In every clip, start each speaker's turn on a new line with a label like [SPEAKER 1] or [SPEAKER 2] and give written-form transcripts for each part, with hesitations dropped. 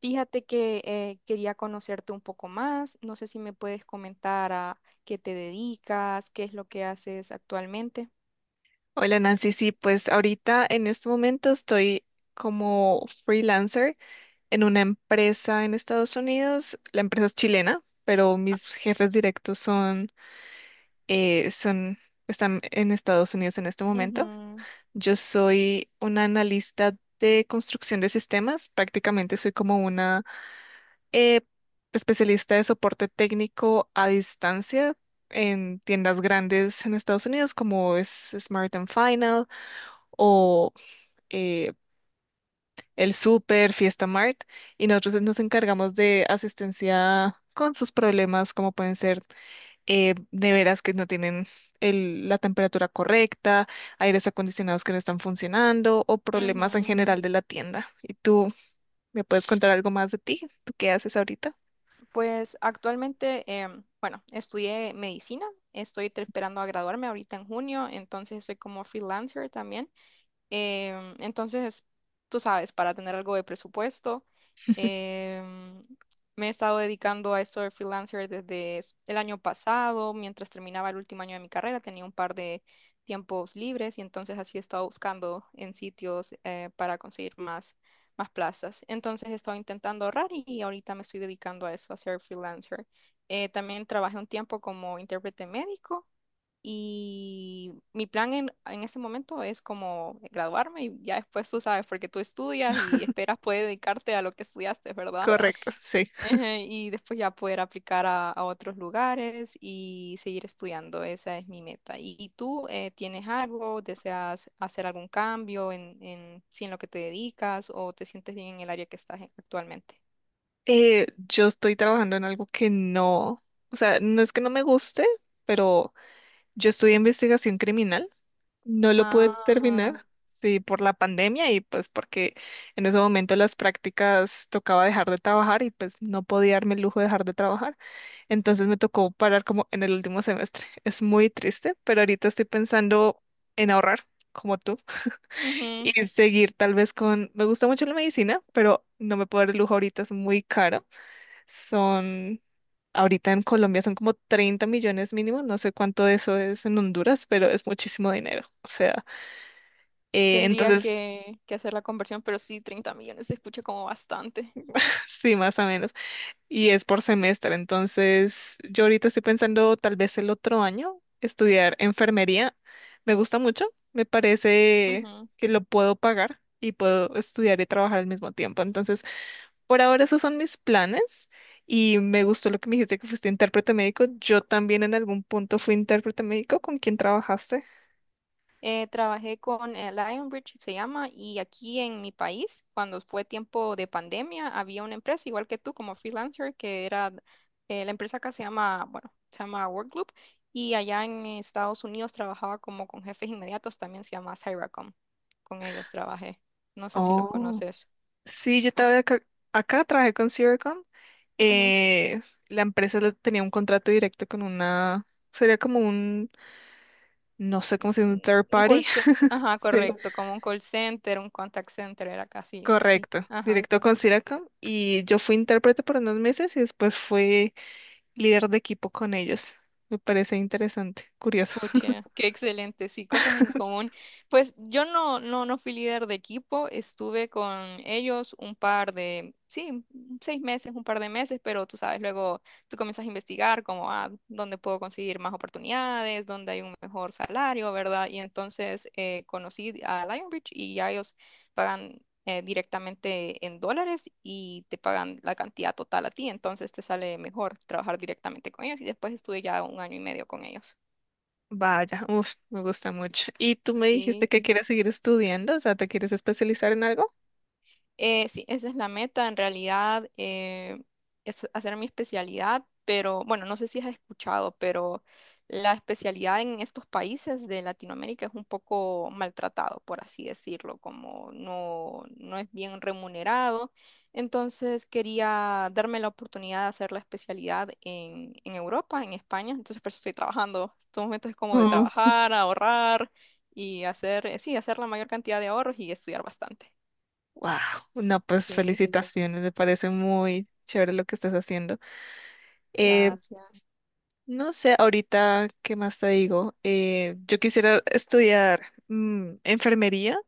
[SPEAKER 1] Fíjate que quería conocerte un poco más. No sé si me puedes comentar a qué te dedicas, qué es lo que haces actualmente.
[SPEAKER 2] Hola Nancy, sí, pues ahorita en este momento estoy como freelancer en una empresa en Estados Unidos. La empresa es chilena, pero mis jefes directos son, están en Estados Unidos en este
[SPEAKER 1] Ujú,
[SPEAKER 2] momento. Yo soy una analista de construcción de sistemas, prácticamente soy como una eh, especialista de soporte técnico a distancia en tiendas grandes en Estados Unidos como es Smart and Final o eh, el Super, Fiesta Mart, y nosotros nos encargamos de asistencia con sus problemas, como pueden ser neveras que no tienen la temperatura correcta, aires acondicionados que no están funcionando o problemas en
[SPEAKER 1] ujú.
[SPEAKER 2] general de la tienda. ¿Y tú me puedes contar algo más de ti? ¿Tú qué haces ahorita?
[SPEAKER 1] Pues actualmente, bueno, estudié medicina, esperando a graduarme ahorita en junio, entonces soy como freelancer también. Entonces, tú sabes, para tener algo de presupuesto, em, me he estado dedicando a esto de freelancer desde el año pasado, mientras terminaba el último año de mi carrera, tenía un par de tiempos libres y entonces así he estado buscando en sitios para conseguir más, más plazas. Entonces he estado intentando ahorrar y ahorita me estoy dedicando a eso, a ser freelancer. También trabajé un tiempo como intérprete médico y mi plan en este momento es como graduarme y ya después tú sabes, porque tú estudias y esperas poder dedicarte a lo que estudiaste, ¿verdad?
[SPEAKER 2] Correcto, sí.
[SPEAKER 1] Ejé. Y después ya poder aplicar a otros lugares y seguir estudiando. Esa es mi meta. Y tú tienes algo? ¿Deseas hacer algún cambio si en lo que te dedicas o te sientes bien en el área que estás actualmente?
[SPEAKER 2] Yo estoy trabajando en algo que no, o sea, no es que no me guste, pero yo estudié investigación criminal. No lo pude
[SPEAKER 1] Ah,
[SPEAKER 2] terminar, sí, por la pandemia y pues porque en ese momento las prácticas tocaba dejar de trabajar y pues no podía darme el lujo de dejar de trabajar. Entonces me tocó parar como en el último semestre. Es muy triste, pero ahorita estoy pensando en ahorrar, como tú,
[SPEAKER 1] ujú.
[SPEAKER 2] y seguir tal vez con... Me gusta mucho la medicina, pero no me puedo dar el lujo ahorita, es muy caro. Son... Ahorita en Colombia son como 30 millones mínimo, no sé cuánto eso es en Honduras, pero es muchísimo dinero. O sea...
[SPEAKER 1] Tendría
[SPEAKER 2] entonces,
[SPEAKER 1] que hacer la conversión, pero sí, 30 millones se escucha como bastante.
[SPEAKER 2] sí, más o menos. Y es por semestre. Entonces, yo ahorita estoy pensando tal vez el otro año estudiar enfermería. Me gusta mucho. Me parece
[SPEAKER 1] Ujú.
[SPEAKER 2] que lo puedo pagar y puedo estudiar y trabajar al mismo tiempo. Entonces, por ahora esos son mis planes. Y me gustó lo que me dijiste que fuiste intérprete médico. Yo también en algún punto fui intérprete médico. ¿Con quién trabajaste?
[SPEAKER 1] Trabajé con Lionbridge, se llama, y aquí en mi país, cuando fue tiempo de pandemia, había una empresa, igual que tú, como freelancer, que era, la empresa acá se llama, bueno, se llama Workgroup, y allá en Estados Unidos trabajaba como con jefes inmediatos, también se llama Cyracom, con ellos trabajé, no sé si los
[SPEAKER 2] Oh,
[SPEAKER 1] conoces.
[SPEAKER 2] sí, yo estaba acá, acá trabajé con Siricon,
[SPEAKER 1] Ujú.
[SPEAKER 2] eh, la empresa le tenía un contrato directo con una, sería como un, no sé
[SPEAKER 1] Un
[SPEAKER 2] cómo se dice, un third
[SPEAKER 1] un
[SPEAKER 2] party.
[SPEAKER 1] call, ce- ajá,
[SPEAKER 2] Sí.
[SPEAKER 1] correcto, como un call center, un contact center, era casi así,
[SPEAKER 2] Correcto,
[SPEAKER 1] ajá.
[SPEAKER 2] directo con Siracom. Y yo fui intérprete por unos meses y después fui líder de equipo con ellos. Me parece interesante, curioso.
[SPEAKER 1] Pucha, qué excelente, sí, cosas en común. Pues yo no fui líder de equipo, estuve con ellos un par de, sí, 6 meses, un par de meses, pero tú sabes, luego tú comienzas a investigar como, ah, dónde puedo conseguir más oportunidades, dónde hay un mejor salario, ¿verdad? Y entonces conocí a Lionbridge y ya ellos pagan directamente en dólares y te pagan la cantidad total a ti, entonces te sale mejor trabajar directamente con ellos y después estuve ya un año y medio con ellos.
[SPEAKER 2] Vaya, uf, me gusta mucho. ¿Y tú me dijiste
[SPEAKER 1] Sí,
[SPEAKER 2] que quieres seguir estudiando? O sea, ¿te quieres especializar en algo?
[SPEAKER 1] sí, esa es la meta en realidad, es hacer mi especialidad, pero bueno, no sé si has escuchado, pero la especialidad en estos países de Latinoamérica es un poco maltratado, por así decirlo, como no, no es bien remunerado. Entonces quería darme la oportunidad de hacer la especialidad en Europa, en España, entonces por eso estoy trabajando. Estos momentos es como de
[SPEAKER 2] Wow.
[SPEAKER 1] trabajar, ahorrar y hacer, sí, hacer la mayor cantidad de ahorros y estudiar bastante.
[SPEAKER 2] No, pues
[SPEAKER 1] Sí,
[SPEAKER 2] felicitaciones, me parece muy chévere lo que estás haciendo. Eh,
[SPEAKER 1] gracias.
[SPEAKER 2] no sé, ahorita, ¿qué más te digo? Yo quisiera estudiar enfermería,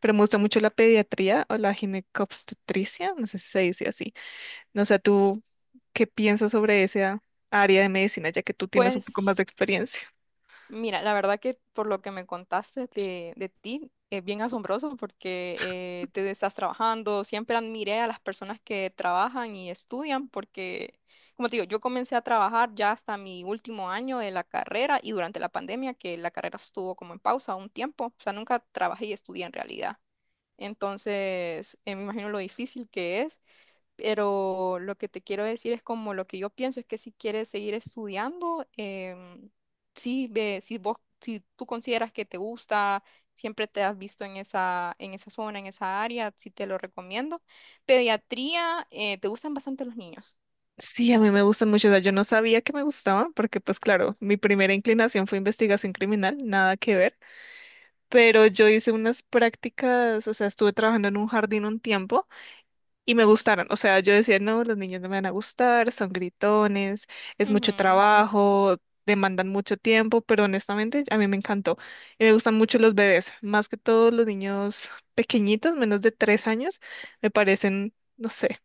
[SPEAKER 2] pero me gusta mucho la pediatría o la ginecobstetricia, no sé si se dice así. No sé, ¿tú ¿qué piensas sobre esa área de medicina, ya que tú tienes un poco
[SPEAKER 1] Pues
[SPEAKER 2] más de experiencia?
[SPEAKER 1] mira, la verdad que por lo que me contaste de ti es bien asombroso porque te estás trabajando. Siempre admiré a las personas que trabajan y estudian porque, como te digo, yo comencé a trabajar ya hasta mi último año de la carrera y durante la pandemia, que la carrera estuvo como en pausa un tiempo. O sea, nunca trabajé y estudié en realidad. Entonces, me imagino lo difícil que es. Pero lo que te quiero decir es como lo que yo pienso es que si quieres seguir estudiando, sí, si vos, si tú consideras que te gusta, siempre te has visto en esa zona, en esa área, sí te lo recomiendo. Pediatría, te gustan bastante los niños.
[SPEAKER 2] Sí, a mí me gustan mucho. O sea, yo no sabía que me gustaban, porque pues claro, mi primera inclinación fue investigación criminal, nada que ver, pero yo hice unas prácticas, o sea, estuve trabajando en un jardín un tiempo. Y me gustaron. O sea, yo decía, no, los niños no me van a gustar, son gritones, es mucho
[SPEAKER 1] Ujú.
[SPEAKER 2] trabajo, demandan mucho tiempo, pero honestamente a mí me encantó. Y me gustan mucho los bebés, más que todos los niños pequeñitos, menos de 3 años, me parecen, no sé,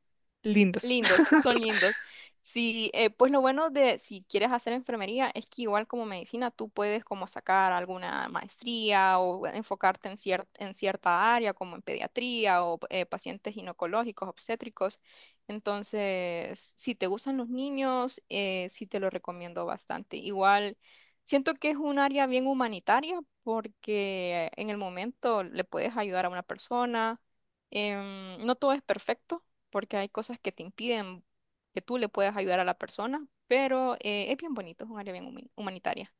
[SPEAKER 2] lindos.
[SPEAKER 1] Lindos, son lindos. Sí, pues lo bueno de si quieres hacer enfermería es que igual como medicina tú puedes como sacar alguna maestría o enfocarte en cierta área como en pediatría o pacientes ginecológicos, obstétricos. Entonces, si te gustan los niños, sí te lo recomiendo bastante. Igual siento que es un área bien humanitaria porque en el momento le puedes ayudar a una persona. No todo es perfecto porque hay cosas que te impiden que tú le puedas ayudar a la persona, pero es bien bonito, es un área bien humanitaria.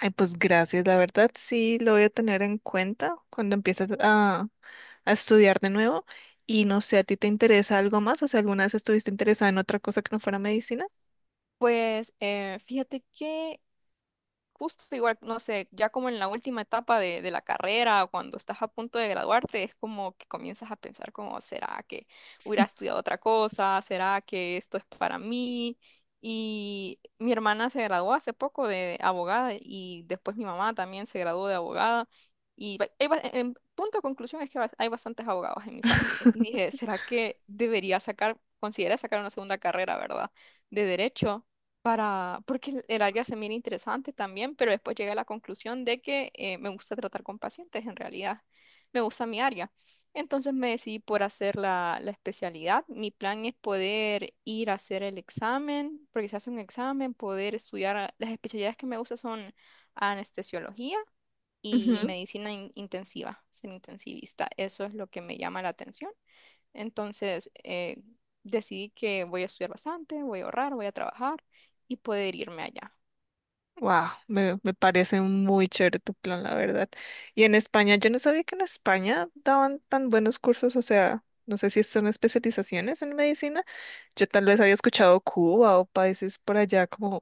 [SPEAKER 2] Ay, pues gracias, la verdad sí lo voy a tener en cuenta cuando empieces a estudiar de nuevo. Y no sé, ¿a ti te interesa algo más? O sea, ¿alguna vez estuviste interesada en otra cosa que no fuera medicina?
[SPEAKER 1] Pues fíjate que justo igual, no sé, ya como en la última etapa de la carrera, o cuando estás a punto de graduarte, es como que comienzas a pensar como, ¿será que hubiera estudiado otra cosa? ¿Será que esto es para mí? Y mi hermana se graduó hace poco de abogada y después mi mamá también se graduó de abogada. Y en punto de conclusión es que hay bastantes abogados en mi familia. Y dije, ¿será que debería sacar, considera sacar una segunda carrera, ¿verdad? De derecho para, porque el área se mira interesante también, pero después llegué a la conclusión de que me gusta tratar con pacientes, en realidad me gusta mi área. Entonces me decidí por hacer la especialidad. Mi plan es poder ir a hacer el examen, porque se hace un examen, poder estudiar. Las especialidades que me gustan son anestesiología y
[SPEAKER 2] Ujú.
[SPEAKER 1] medicina intensiva, ser intensivista. Eso es lo que me llama la atención. Entonces, decidí que voy a estudiar bastante, voy a ahorrar, voy a trabajar y poder irme allá.
[SPEAKER 2] Wow, me parece muy chévere tu plan, la verdad. Y en España, yo no sabía que en España daban tan buenos cursos, o sea, no sé si son especializaciones en medicina. Yo tal vez había escuchado Cuba o países por allá como,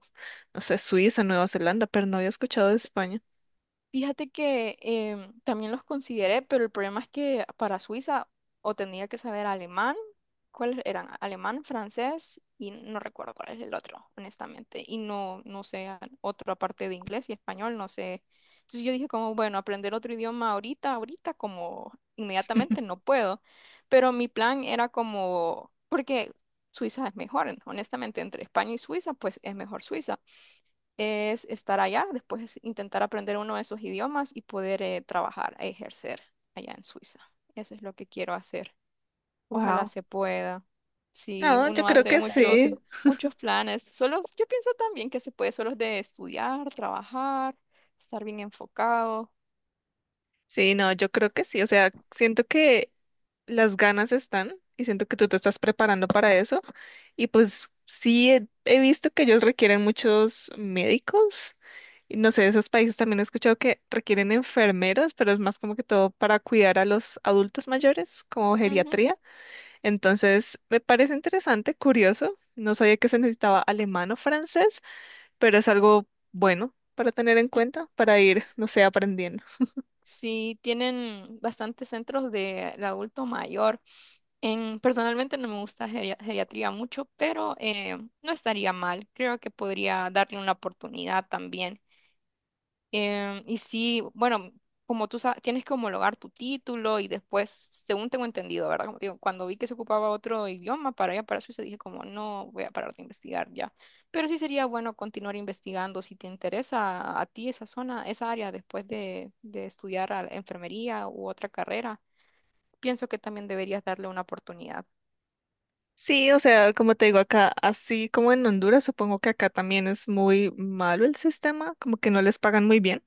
[SPEAKER 2] no sé, Suiza, Nueva Zelanda, pero no había escuchado de España.
[SPEAKER 1] Fíjate que también los consideré, pero el problema es que para Suiza o tenía que saber alemán, ¿cuáles eran? Alemán, francés y no recuerdo cuál es el otro, honestamente. Y no, otra parte de inglés y español, no sé. Entonces yo dije como, bueno, aprender otro idioma ahorita, ahorita, como inmediatamente no puedo. Pero mi plan era como, porque Suiza es mejor, honestamente, entre España y Suiza, pues es mejor Suiza es estar allá, después es intentar aprender uno de esos idiomas y poder trabajar e ejercer allá en Suiza. Eso es lo que quiero hacer. Ojalá
[SPEAKER 2] Wow.
[SPEAKER 1] se pueda. Si
[SPEAKER 2] No, yo
[SPEAKER 1] uno
[SPEAKER 2] creo
[SPEAKER 1] hace
[SPEAKER 2] que
[SPEAKER 1] muchos,
[SPEAKER 2] sí.
[SPEAKER 1] muchos planes. Solo, yo pienso también que se puede solo de estudiar, trabajar, estar bien enfocado.
[SPEAKER 2] Sí, no, yo creo que sí. O sea, siento que las ganas están y siento que tú te estás preparando para eso. Y pues sí, he visto que ellos requieren muchos médicos. Y no sé, esos países también he escuchado que requieren enfermeros, pero es más como que todo para cuidar a los adultos mayores, como
[SPEAKER 1] Ujú.
[SPEAKER 2] geriatría. Entonces, me parece interesante, curioso. No sabía que se necesitaba alemán o francés, pero es algo bueno para tener en
[SPEAKER 1] Mm,
[SPEAKER 2] cuenta, para ir,
[SPEAKER 1] S-
[SPEAKER 2] no sé, aprendiendo.
[SPEAKER 1] Sí, tienen bastantes centros de adulto mayor. En, personalmente no me gusta geriatría mucho, pero no estaría mal. Creo que podría darle una oportunidad también. Y sí, bueno, como tú sabes, tienes que homologar tu título y después, según tengo entendido, ¿verdad? Como te digo, cuando vi que se ocupaba otro idioma para allá, para Suiza, dije como, no, voy a parar de investigar ya. Pero sí sería bueno continuar investigando si te interesa a ti esa zona, esa área, después de estudiar a la enfermería u otra carrera. Pienso que también deberías darle una oportunidad.
[SPEAKER 2] Sí, o sea, como te digo acá, así como en Honduras, supongo que acá también es muy malo el sistema, como que no les pagan muy bien.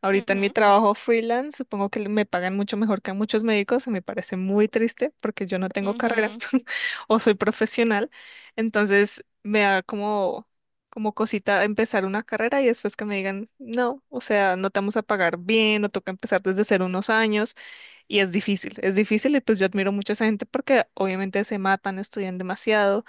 [SPEAKER 2] Ahorita en mi
[SPEAKER 1] Ujú,
[SPEAKER 2] trabajo freelance, supongo que me pagan mucho mejor que a muchos médicos, y me parece muy triste porque yo no tengo carrera
[SPEAKER 1] ujú.
[SPEAKER 2] o soy profesional, entonces me da como, como cosita empezar una carrera y después que me digan, no, o sea, no te vamos a pagar bien, o toca empezar desde cero unos años. Y es difícil y pues yo admiro mucho a esa gente porque obviamente se matan, estudian demasiado,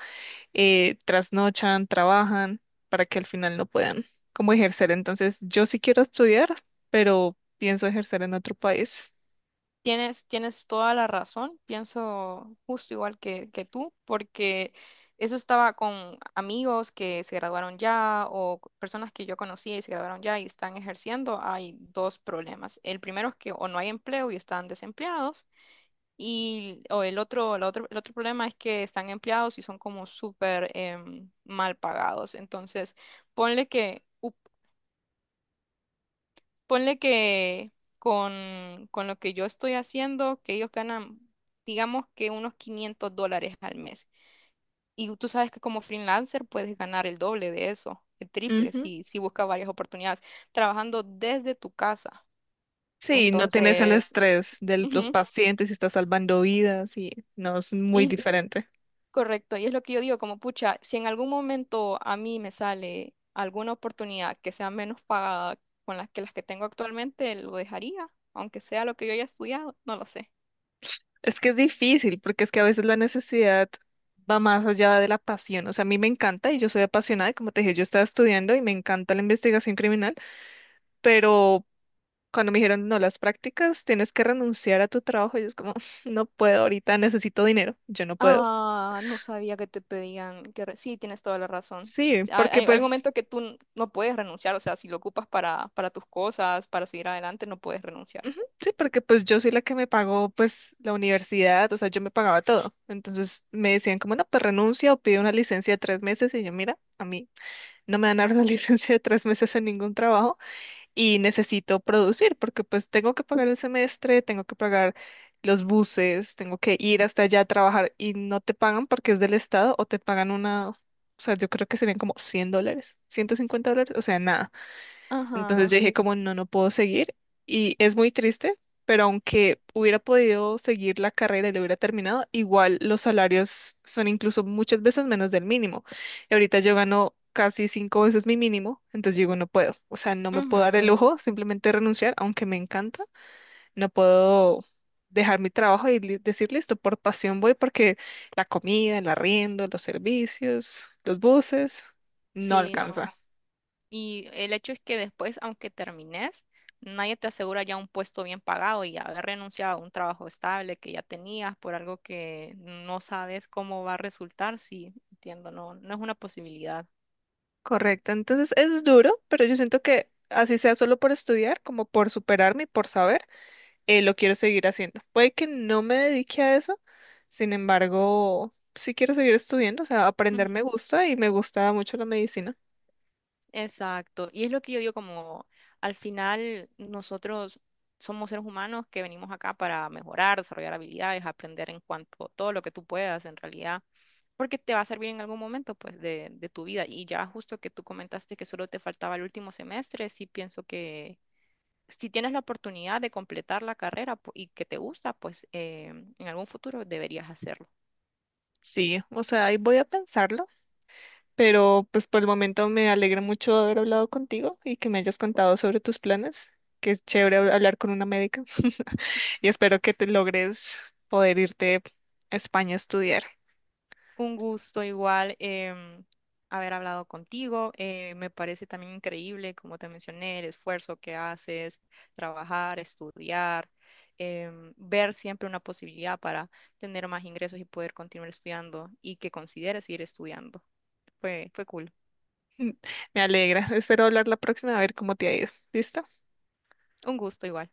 [SPEAKER 2] trasnochan, trabajan para que al final no puedan como ejercer. Entonces yo sí quiero estudiar, pero pienso ejercer en otro país.
[SPEAKER 1] Tienes, tienes toda la razón, pienso justo igual que tú, porque eso estaba con amigos que se graduaron ya o personas que yo conocía y se graduaron ya y están ejerciendo. Hay dos problemas. El primero es que o no hay empleo y están desempleados y o el otro problema es que están empleados y son como súper mal pagados. Entonces, ponle que... Ponle que con lo que yo estoy haciendo, que ellos ganan, digamos que unos $500 al mes. Y tú sabes que como freelancer puedes ganar el doble de eso, el triple,
[SPEAKER 2] Ujú.
[SPEAKER 1] si buscas varias oportunidades, trabajando desde tu casa.
[SPEAKER 2] Sí, no tienes el
[SPEAKER 1] Entonces,
[SPEAKER 2] estrés de los
[SPEAKER 1] ujú.
[SPEAKER 2] pacientes y estás salvando vidas y no es muy
[SPEAKER 1] Y
[SPEAKER 2] diferente.
[SPEAKER 1] correcto, y es lo que yo digo, como pucha, si en algún momento a mí me sale alguna oportunidad que sea menos pagada con las que tengo actualmente, lo dejaría, aunque sea lo que yo haya estudiado, no lo sé.
[SPEAKER 2] Es que es difícil porque es que a veces la necesidad va más allá de la pasión. O sea, a mí me encanta y yo soy apasionada, y como te dije, yo estaba estudiando y me encanta la investigación criminal, pero cuando me dijeron, no, las prácticas, tienes que renunciar a tu trabajo, yo es como, no puedo, ahorita necesito dinero, yo no puedo.
[SPEAKER 1] Ah, no sabía que te pedían que... Sí, tienes toda la razón.
[SPEAKER 2] Sí, porque
[SPEAKER 1] Hay
[SPEAKER 2] pues,
[SPEAKER 1] momentos que no puedes renunciar, o sea, si lo ocupas para tus cosas, para seguir adelante, no puedes renunciar.
[SPEAKER 2] ujú, sí, porque pues yo soy la que me pagó pues la universidad, o sea, yo me pagaba todo. Entonces me decían como, no, pues renuncia o pide una licencia de 3 meses y yo, mira, a mí no me van a dar una licencia de 3 meses en ningún trabajo. Y necesito producir porque pues tengo que pagar el semestre, tengo que pagar los buses, tengo que ir hasta allá a trabajar y no te pagan porque es del Estado o te pagan una, o sea, yo creo que serían como $100, $150, o sea, nada. Entonces
[SPEAKER 1] Ajá.
[SPEAKER 2] yo dije como no, no puedo seguir y es muy triste, pero aunque hubiera podido seguir la carrera y lo hubiera terminado, igual los salarios son incluso muchas veces menos del mínimo. Y ahorita yo gano casi cinco veces mi mínimo, entonces digo no puedo, o sea, no me
[SPEAKER 1] Ujú.
[SPEAKER 2] puedo dar el lujo simplemente renunciar, aunque me encanta, no puedo dejar mi trabajo y decir listo, por pasión voy porque la comida, el arriendo, los servicios, los buses, no
[SPEAKER 1] Sí, no.
[SPEAKER 2] alcanza.
[SPEAKER 1] Y el hecho es que después, aunque termines, nadie te asegura ya un puesto bien pagado y haber renunciado a un trabajo estable que ya tenías por algo que no sabes cómo va a resultar, sí, entiendo, no, no es una posibilidad.
[SPEAKER 2] Correcto, entonces es duro, pero yo siento que así sea solo por estudiar, como por superarme y por saber, lo quiero seguir haciendo. Puede que no me dedique a eso, sin embargo, sí quiero seguir estudiando, o sea, aprender me gusta y me gusta mucho la medicina.
[SPEAKER 1] Exacto. Y es lo que yo digo como al final nosotros somos seres humanos que venimos acá para mejorar, desarrollar habilidades, aprender en cuanto todo lo que tú puedas en realidad, porque te va a servir en algún momento pues de tu vida. Y ya justo que tú comentaste que solo te faltaba el último semestre, sí pienso que si tienes la oportunidad de completar la carrera y que te gusta, pues en algún futuro deberías hacerlo.
[SPEAKER 2] Sí, o sea, ahí voy a pensarlo, pero pues por el momento me alegra mucho haber hablado contigo y que me hayas contado sobre tus planes, que es chévere hablar con una médica. Y espero que te logres poder irte a España a estudiar.
[SPEAKER 1] Un gusto igual haber hablado contigo. Me parece también increíble, como te mencioné, el esfuerzo que haces, trabajar, estudiar, ver siempre una posibilidad para tener más ingresos y poder continuar estudiando y que consideres seguir estudiando. Fue, fue cool.
[SPEAKER 2] Me alegra. Espero hablar la próxima a ver cómo te ha ido. ¿Listo?
[SPEAKER 1] Un gusto igual.